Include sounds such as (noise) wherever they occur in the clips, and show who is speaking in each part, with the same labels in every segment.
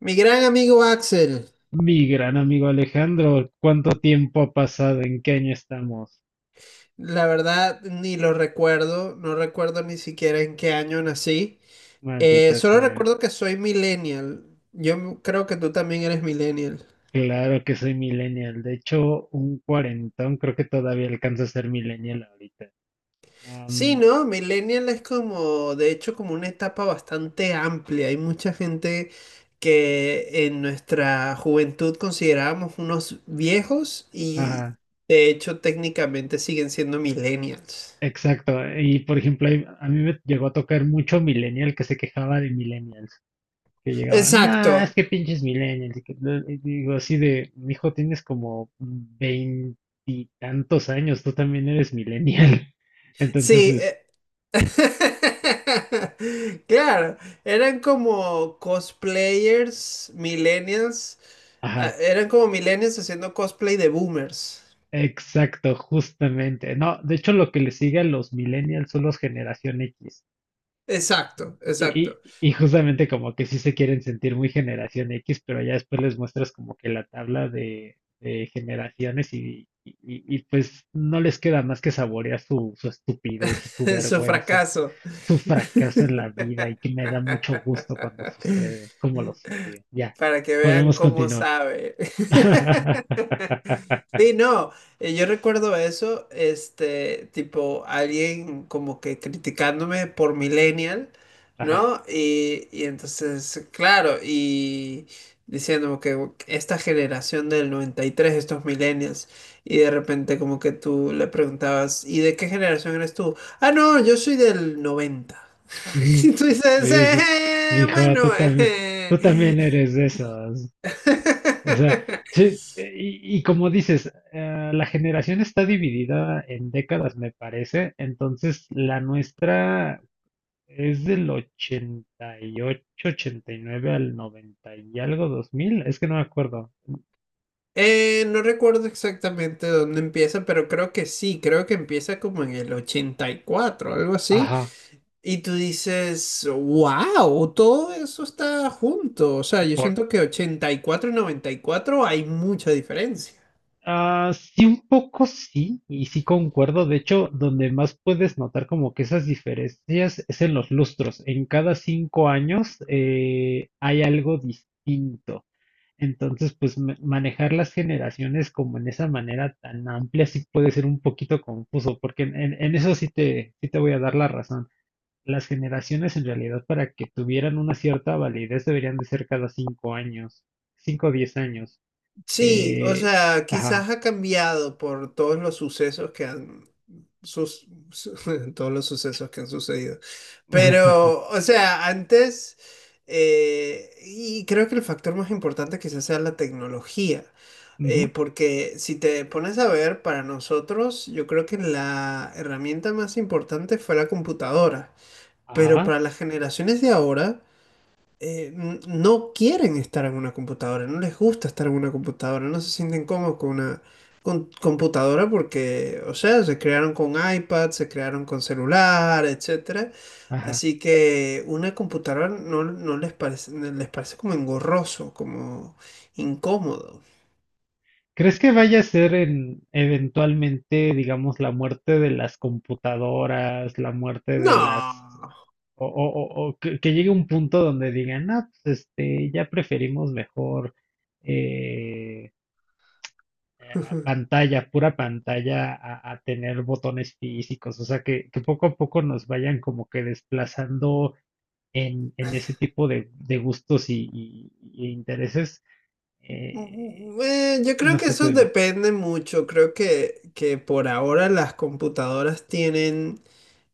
Speaker 1: Mi gran amigo Axel,
Speaker 2: Mi gran amigo Alejandro, ¿cuánto tiempo ha pasado? ¿En qué año estamos?
Speaker 1: la verdad ni lo recuerdo, no recuerdo ni siquiera en qué año nací.
Speaker 2: Maldita
Speaker 1: Solo
Speaker 2: sea.
Speaker 1: recuerdo que soy millennial. Yo creo que tú también eres millennial.
Speaker 2: Claro que soy millennial. De hecho, un cuarentón creo que todavía alcanza a ser millennial ahorita.
Speaker 1: Sí, ¿no? Millennial es como, de hecho, como una etapa bastante amplia. Hay mucha gente que en nuestra juventud considerábamos unos viejos y
Speaker 2: Ajá,
Speaker 1: de hecho técnicamente siguen siendo millennials.
Speaker 2: exacto. Y por ejemplo, a mí me llegó a tocar mucho millennial que se quejaba de millennials. Que llegaban, nah, es
Speaker 1: Exacto.
Speaker 2: que pinches millennials. Y que y digo así de, mijo, tienes como veintitantos años, tú también eres millennial. (laughs) Entonces,
Speaker 1: Sí,
Speaker 2: es,
Speaker 1: (laughs) claro, eran como cosplayers, millennials, ah,
Speaker 2: ajá.
Speaker 1: eran como millennials haciendo cosplay de boomers.
Speaker 2: Exacto, justamente. No, de hecho lo que le sigue a los millennials son los generación X.
Speaker 1: Exacto,
Speaker 2: Y,
Speaker 1: exacto.
Speaker 2: y- y justamente como que sí se quieren sentir muy generación X, pero ya después les muestras como que la tabla de generaciones y pues no les queda más que saborear su estupidez y su
Speaker 1: (laughs) Su
Speaker 2: vergüenza,
Speaker 1: fracaso,
Speaker 2: su fracaso en la vida y que me da mucho gusto cuando sucede, como los odio. Ya,
Speaker 1: para que vean
Speaker 2: podemos
Speaker 1: cómo
Speaker 2: continuar.
Speaker 1: sabe. (laughs)
Speaker 2: (laughs)
Speaker 1: Sí, no, yo recuerdo eso, este, tipo, alguien como que criticándome por millennial, ¿no? Y entonces, claro, y diciéndome que esta generación del 93, estos millennials, y de repente como que tú le preguntabas, ¿y de qué generación eres tú? Ah, no, yo soy del 90. (laughs)
Speaker 2: Ujú.
Speaker 1: Y tú
Speaker 2: Sí,
Speaker 1: dices:
Speaker 2: eso es, mijo,
Speaker 1: Bueno,
Speaker 2: tú también, tú
Speaker 1: eh".
Speaker 2: también eres de esos. O sea,
Speaker 1: (laughs)
Speaker 2: sí, y como dices, la generación está dividida en décadas, me parece. Entonces, la nuestra es del ochenta ochenta y ocho ochenta y nueve al 90 y algo, 2000 es que no me acuerdo.
Speaker 1: No recuerdo exactamente dónde empieza, pero creo que sí, creo que empieza como en el 84, algo así.
Speaker 2: Ajá.
Speaker 1: Y tú dices, wow, todo eso está junto. O sea, yo siento que 84 y 94 hay mucha diferencia.
Speaker 2: Ah, sí, un poco sí, y sí concuerdo. De hecho, donde más puedes notar como que esas diferencias es en los lustros. En cada 5 años hay algo distinto. Entonces, pues manejar las generaciones como en esa manera tan amplia sí puede ser un poquito confuso, porque en eso sí te voy a dar la razón. Las generaciones en realidad para que tuvieran una cierta validez deberían de ser cada 5 años, 5 o 10 años.
Speaker 1: Sí, o
Speaker 2: Eh,
Speaker 1: sea,
Speaker 2: ajá.
Speaker 1: quizás ha cambiado por todos los sucesos que han (laughs) todos los sucesos que han sucedido.
Speaker 2: (laughs)
Speaker 1: Pero, o sea, antes, y creo que el factor más importante quizás sea la tecnología.
Speaker 2: Ujú,
Speaker 1: Porque si te pones a ver, para nosotros, yo creo que la herramienta más importante fue la computadora. Pero
Speaker 2: ajá,
Speaker 1: para las generaciones de ahora, no quieren estar en una computadora, no les gusta estar en una computadora, no se sienten cómodos con una computadora porque, o sea, se crearon con iPad, se crearon con celular, etcétera.
Speaker 2: ajá.
Speaker 1: Así que una computadora no, no les parece, les parece como engorroso, como incómodo.
Speaker 2: ¿Crees que vaya a ser en eventualmente, digamos, la muerte de las computadoras, la muerte de las
Speaker 1: No.
Speaker 2: o que llegue un punto donde digan, ah, pues este, ya preferimos mejor eh,
Speaker 1: (laughs)
Speaker 2: pantalla, pura pantalla, a tener botones físicos? O sea, que poco a poco nos vayan como que desplazando en ese tipo de gustos y intereses. eh,
Speaker 1: Ujú. Yo creo
Speaker 2: no
Speaker 1: que
Speaker 2: sé, tú
Speaker 1: eso
Speaker 2: dime.
Speaker 1: depende mucho. Creo que por ahora las computadoras tienen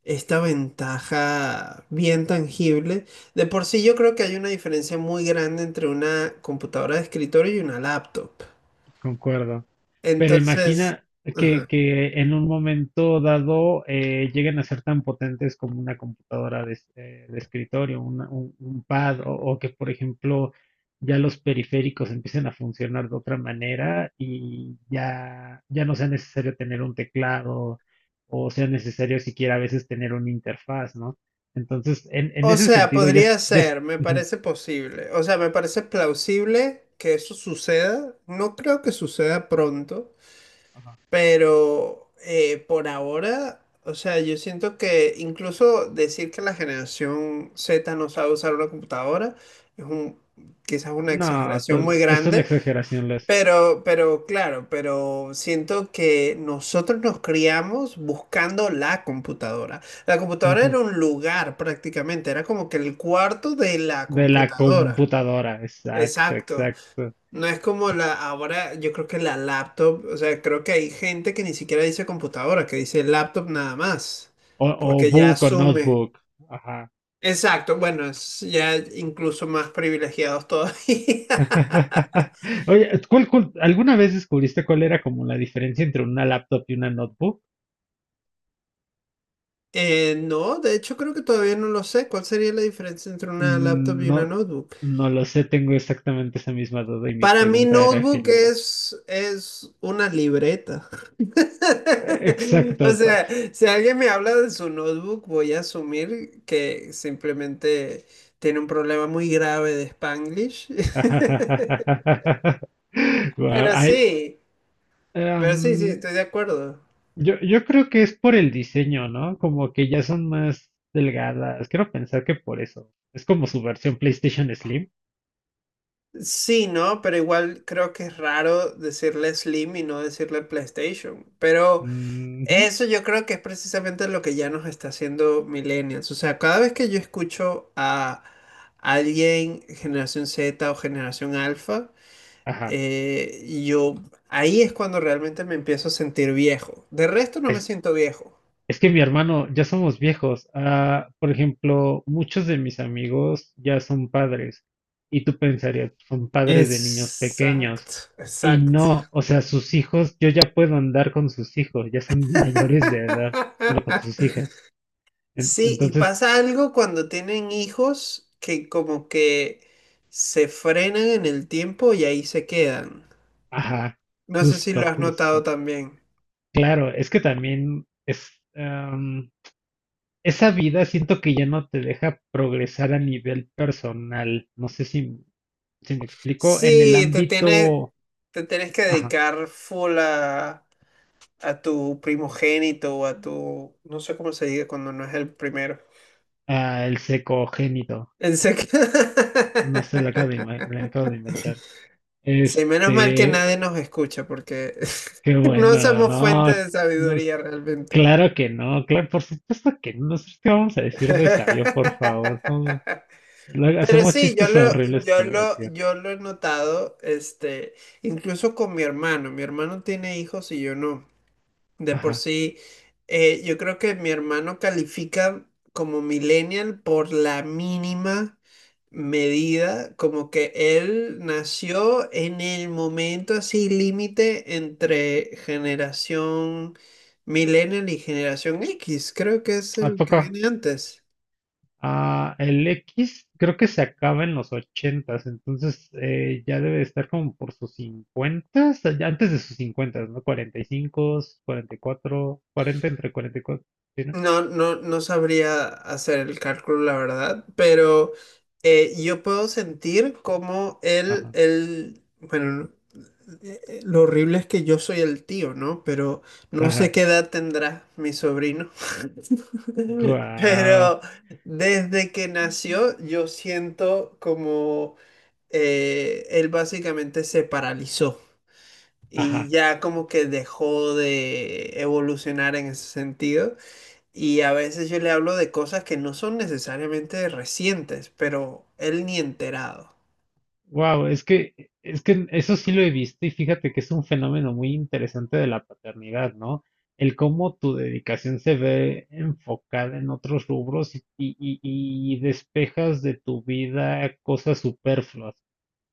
Speaker 1: esta ventaja bien tangible. De por sí yo creo que hay una diferencia muy grande entre una computadora de escritorio y una laptop.
Speaker 2: Concuerdo. Pero
Speaker 1: Entonces,
Speaker 2: imagina que,
Speaker 1: ajá.
Speaker 2: que en un momento dado lleguen a ser tan potentes como una computadora de escritorio, un pad, o que, por ejemplo, ya los periféricos empiecen a funcionar de otra manera y ya no sea necesario tener un teclado o sea necesario siquiera a veces tener una interfaz, ¿no? Entonces, en
Speaker 1: O
Speaker 2: ese
Speaker 1: sea,
Speaker 2: sentido,
Speaker 1: podría ser, me
Speaker 2: ujú,
Speaker 1: parece posible. O sea, me parece plausible que eso suceda. No creo que suceda pronto.
Speaker 2: ajá.
Speaker 1: Pero por ahora, o sea, yo siento que incluso decir que la generación Z no sabe usar una computadora es un, quizás una
Speaker 2: No,
Speaker 1: exageración muy
Speaker 2: es una
Speaker 1: grande,
Speaker 2: exageración, Les.
Speaker 1: pero, claro, pero siento que nosotros nos criamos buscando la computadora. La computadora era un lugar prácticamente, era como que el cuarto de la
Speaker 2: De la
Speaker 1: computadora.
Speaker 2: computadora, exacto,
Speaker 1: Exacto.
Speaker 2: exacto.
Speaker 1: No es como ahora yo creo que la laptop, o sea, creo que hay gente que ni siquiera dice computadora, que dice laptop nada más,
Speaker 2: O
Speaker 1: porque ya
Speaker 2: book o
Speaker 1: asume.
Speaker 2: notebook. Ajá.
Speaker 1: Exacto, bueno, es ya incluso más privilegiados todavía. (laughs)
Speaker 2: (laughs) Oye, alguna vez descubriste cuál era como la diferencia entre una laptop y una notebook?
Speaker 1: No, de hecho creo que todavía no lo sé. ¿Cuál sería la diferencia entre una laptop y una
Speaker 2: No,
Speaker 1: notebook?
Speaker 2: no lo sé, tengo exactamente esa misma duda y mi
Speaker 1: Para mí,
Speaker 2: pregunta era
Speaker 1: notebook
Speaker 2: genuina.
Speaker 1: es una libreta. (laughs) O
Speaker 2: Exacto.
Speaker 1: sea, si alguien me habla de su notebook, voy a asumir que simplemente tiene un problema muy grave de Spanglish. (laughs)
Speaker 2: (laughs) Guau,
Speaker 1: Pero
Speaker 2: ay,
Speaker 1: sí, sí,
Speaker 2: em,
Speaker 1: estoy de acuerdo.
Speaker 2: yo creo que es por el diseño, ¿no? Como que ya son más delgadas. Quiero pensar que por eso. Es como su versión PlayStation Slim.
Speaker 1: Sí, ¿no? Pero igual creo que es raro decirle Slim y no decirle PlayStation. Pero
Speaker 2: Ujú,
Speaker 1: eso yo creo que es precisamente lo que ya nos está haciendo Millennials. O sea, cada vez que yo escucho a alguien generación Z o generación Alfa,
Speaker 2: ajá.
Speaker 1: Yo ahí es cuando realmente me empiezo a sentir viejo. De resto no me
Speaker 2: Es,
Speaker 1: siento viejo.
Speaker 2: es que mi hermano, ya somos viejos. Ah, por ejemplo, muchos de mis amigos ya son padres. Y tú pensarías, son padres de niños pequeños.
Speaker 1: Exacto,
Speaker 2: Y
Speaker 1: exacto.
Speaker 2: no, o sea, sus hijos, yo ya puedo andar con sus hijos, ya son (laughs) mayores de edad. Bueno, con sus
Speaker 1: (laughs)
Speaker 2: hijas.
Speaker 1: Sí, y
Speaker 2: Entonces,
Speaker 1: pasa algo cuando tienen hijos que como que se frenan en el tiempo y ahí se quedan.
Speaker 2: ajá,
Speaker 1: No sé si
Speaker 2: justo,
Speaker 1: lo has notado
Speaker 2: justo.
Speaker 1: también.
Speaker 2: Claro, es que también es, esa vida siento que ya no te deja progresar a nivel personal. No sé si me explico. En el
Speaker 1: Sí, te tienes,
Speaker 2: ámbito,
Speaker 1: te tienes que
Speaker 2: ajá,
Speaker 1: dedicar full a tu primogénito o a tu, no sé cómo se diga cuando no es el primero.
Speaker 2: ah, el secogénito.
Speaker 1: En sec- (laughs)
Speaker 2: No sé, lo acabo de inventar.
Speaker 1: Sí, menos mal que
Speaker 2: Este,
Speaker 1: nadie nos escucha porque
Speaker 2: qué
Speaker 1: (laughs) no
Speaker 2: bueno,
Speaker 1: somos
Speaker 2: no,
Speaker 1: fuente de
Speaker 2: no es-
Speaker 1: sabiduría realmente.
Speaker 2: claro que no, claro, por supuesto que no. Nosotros qué vamos a
Speaker 1: (laughs)
Speaker 2: decir de sabio, por favor. No, luego
Speaker 1: Pero
Speaker 2: hacemos
Speaker 1: sí, yo
Speaker 2: chistes
Speaker 1: lo,
Speaker 2: horribles
Speaker 1: yo
Speaker 2: por
Speaker 1: lo,
Speaker 2: diversión.
Speaker 1: yo lo he notado, este, incluso con mi hermano. Mi hermano tiene hijos y yo no. De por
Speaker 2: Ajá.
Speaker 1: sí, yo creo que mi hermano califica como millennial por la mínima medida, como que él nació en el momento así límite entre generación millennial y generación X, creo que es
Speaker 2: ¿A
Speaker 1: el
Speaker 2: poco?
Speaker 1: que viene antes.
Speaker 2: Ah, el X creo que se acaba en los ochentas, entonces ya debe de estar como por sus cincuentas, antes de sus cincuentas, ¿no? 45, 44, 40 entre 44, ¿sí, no?
Speaker 1: No, no, no sabría hacer el cálculo, la verdad, pero yo puedo sentir como él,
Speaker 2: Ajá,
Speaker 1: bueno. Lo horrible es que yo soy el tío, ¿no? Pero no sé
Speaker 2: ajá,
Speaker 1: qué edad tendrá mi sobrino. (laughs)
Speaker 2: guau,
Speaker 1: Pero desde que nació, yo siento como él básicamente se paralizó y
Speaker 2: ajá.
Speaker 1: ya como que dejó de evolucionar en ese sentido. Y a veces yo le hablo de cosas que no son necesariamente recientes, pero él ni enterado.
Speaker 2: Wow, es que eso sí lo he visto y fíjate que es un fenómeno muy interesante de la paternidad, ¿no? El cómo tu dedicación se ve enfocada en otros rubros y despejas de tu vida cosas superfluas,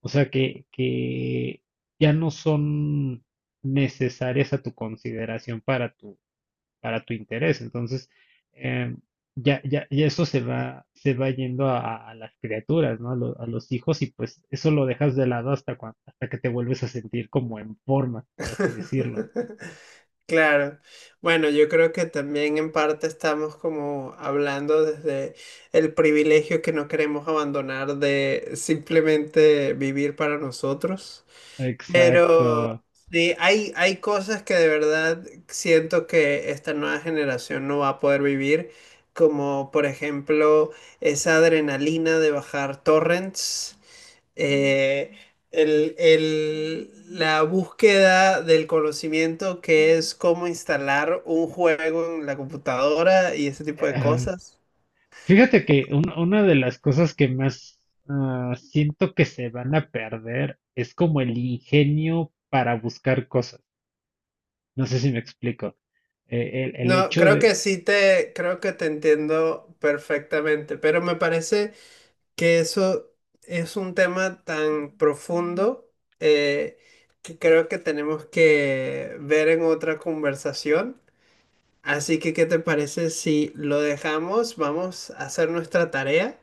Speaker 2: o sea, que ya no son necesarias a tu consideración para tu interés. Entonces, eh, ya eso se va yendo a las criaturas, ¿no? A los hijos y pues eso lo dejas de lado hasta hasta que te vuelves a sentir como en forma, por así decirlo.
Speaker 1: (laughs) Claro. Bueno, yo creo que también en parte estamos como hablando desde el privilegio que no queremos abandonar de simplemente vivir para nosotros. Pero
Speaker 2: Exacto.
Speaker 1: sí, hay cosas que de verdad siento que esta nueva generación no va a poder vivir, como por ejemplo esa adrenalina de bajar torrents, eh, la búsqueda del conocimiento que es cómo instalar un juego en la computadora y ese tipo de
Speaker 2: Ah,
Speaker 1: cosas.
Speaker 2: fíjate que una de las cosas que más siento que se van a perder es como el ingenio para buscar cosas. No sé si me explico. El
Speaker 1: No,
Speaker 2: hecho
Speaker 1: creo
Speaker 2: de,
Speaker 1: que creo que te entiendo perfectamente, pero me parece que eso es un tema tan profundo, eh, que creo que tenemos que ver en otra conversación. Así que, ¿qué te parece si lo dejamos? Vamos a hacer nuestra tarea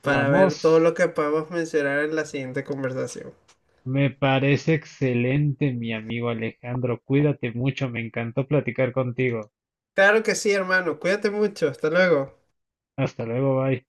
Speaker 1: para ver todo
Speaker 2: vamos.
Speaker 1: lo que podemos mencionar en la siguiente conversación.
Speaker 2: Me parece excelente, mi amigo Alejandro. Cuídate mucho, me encantó platicar contigo.
Speaker 1: Claro que sí, hermano. Cuídate mucho. Hasta luego.
Speaker 2: Hasta luego, bye.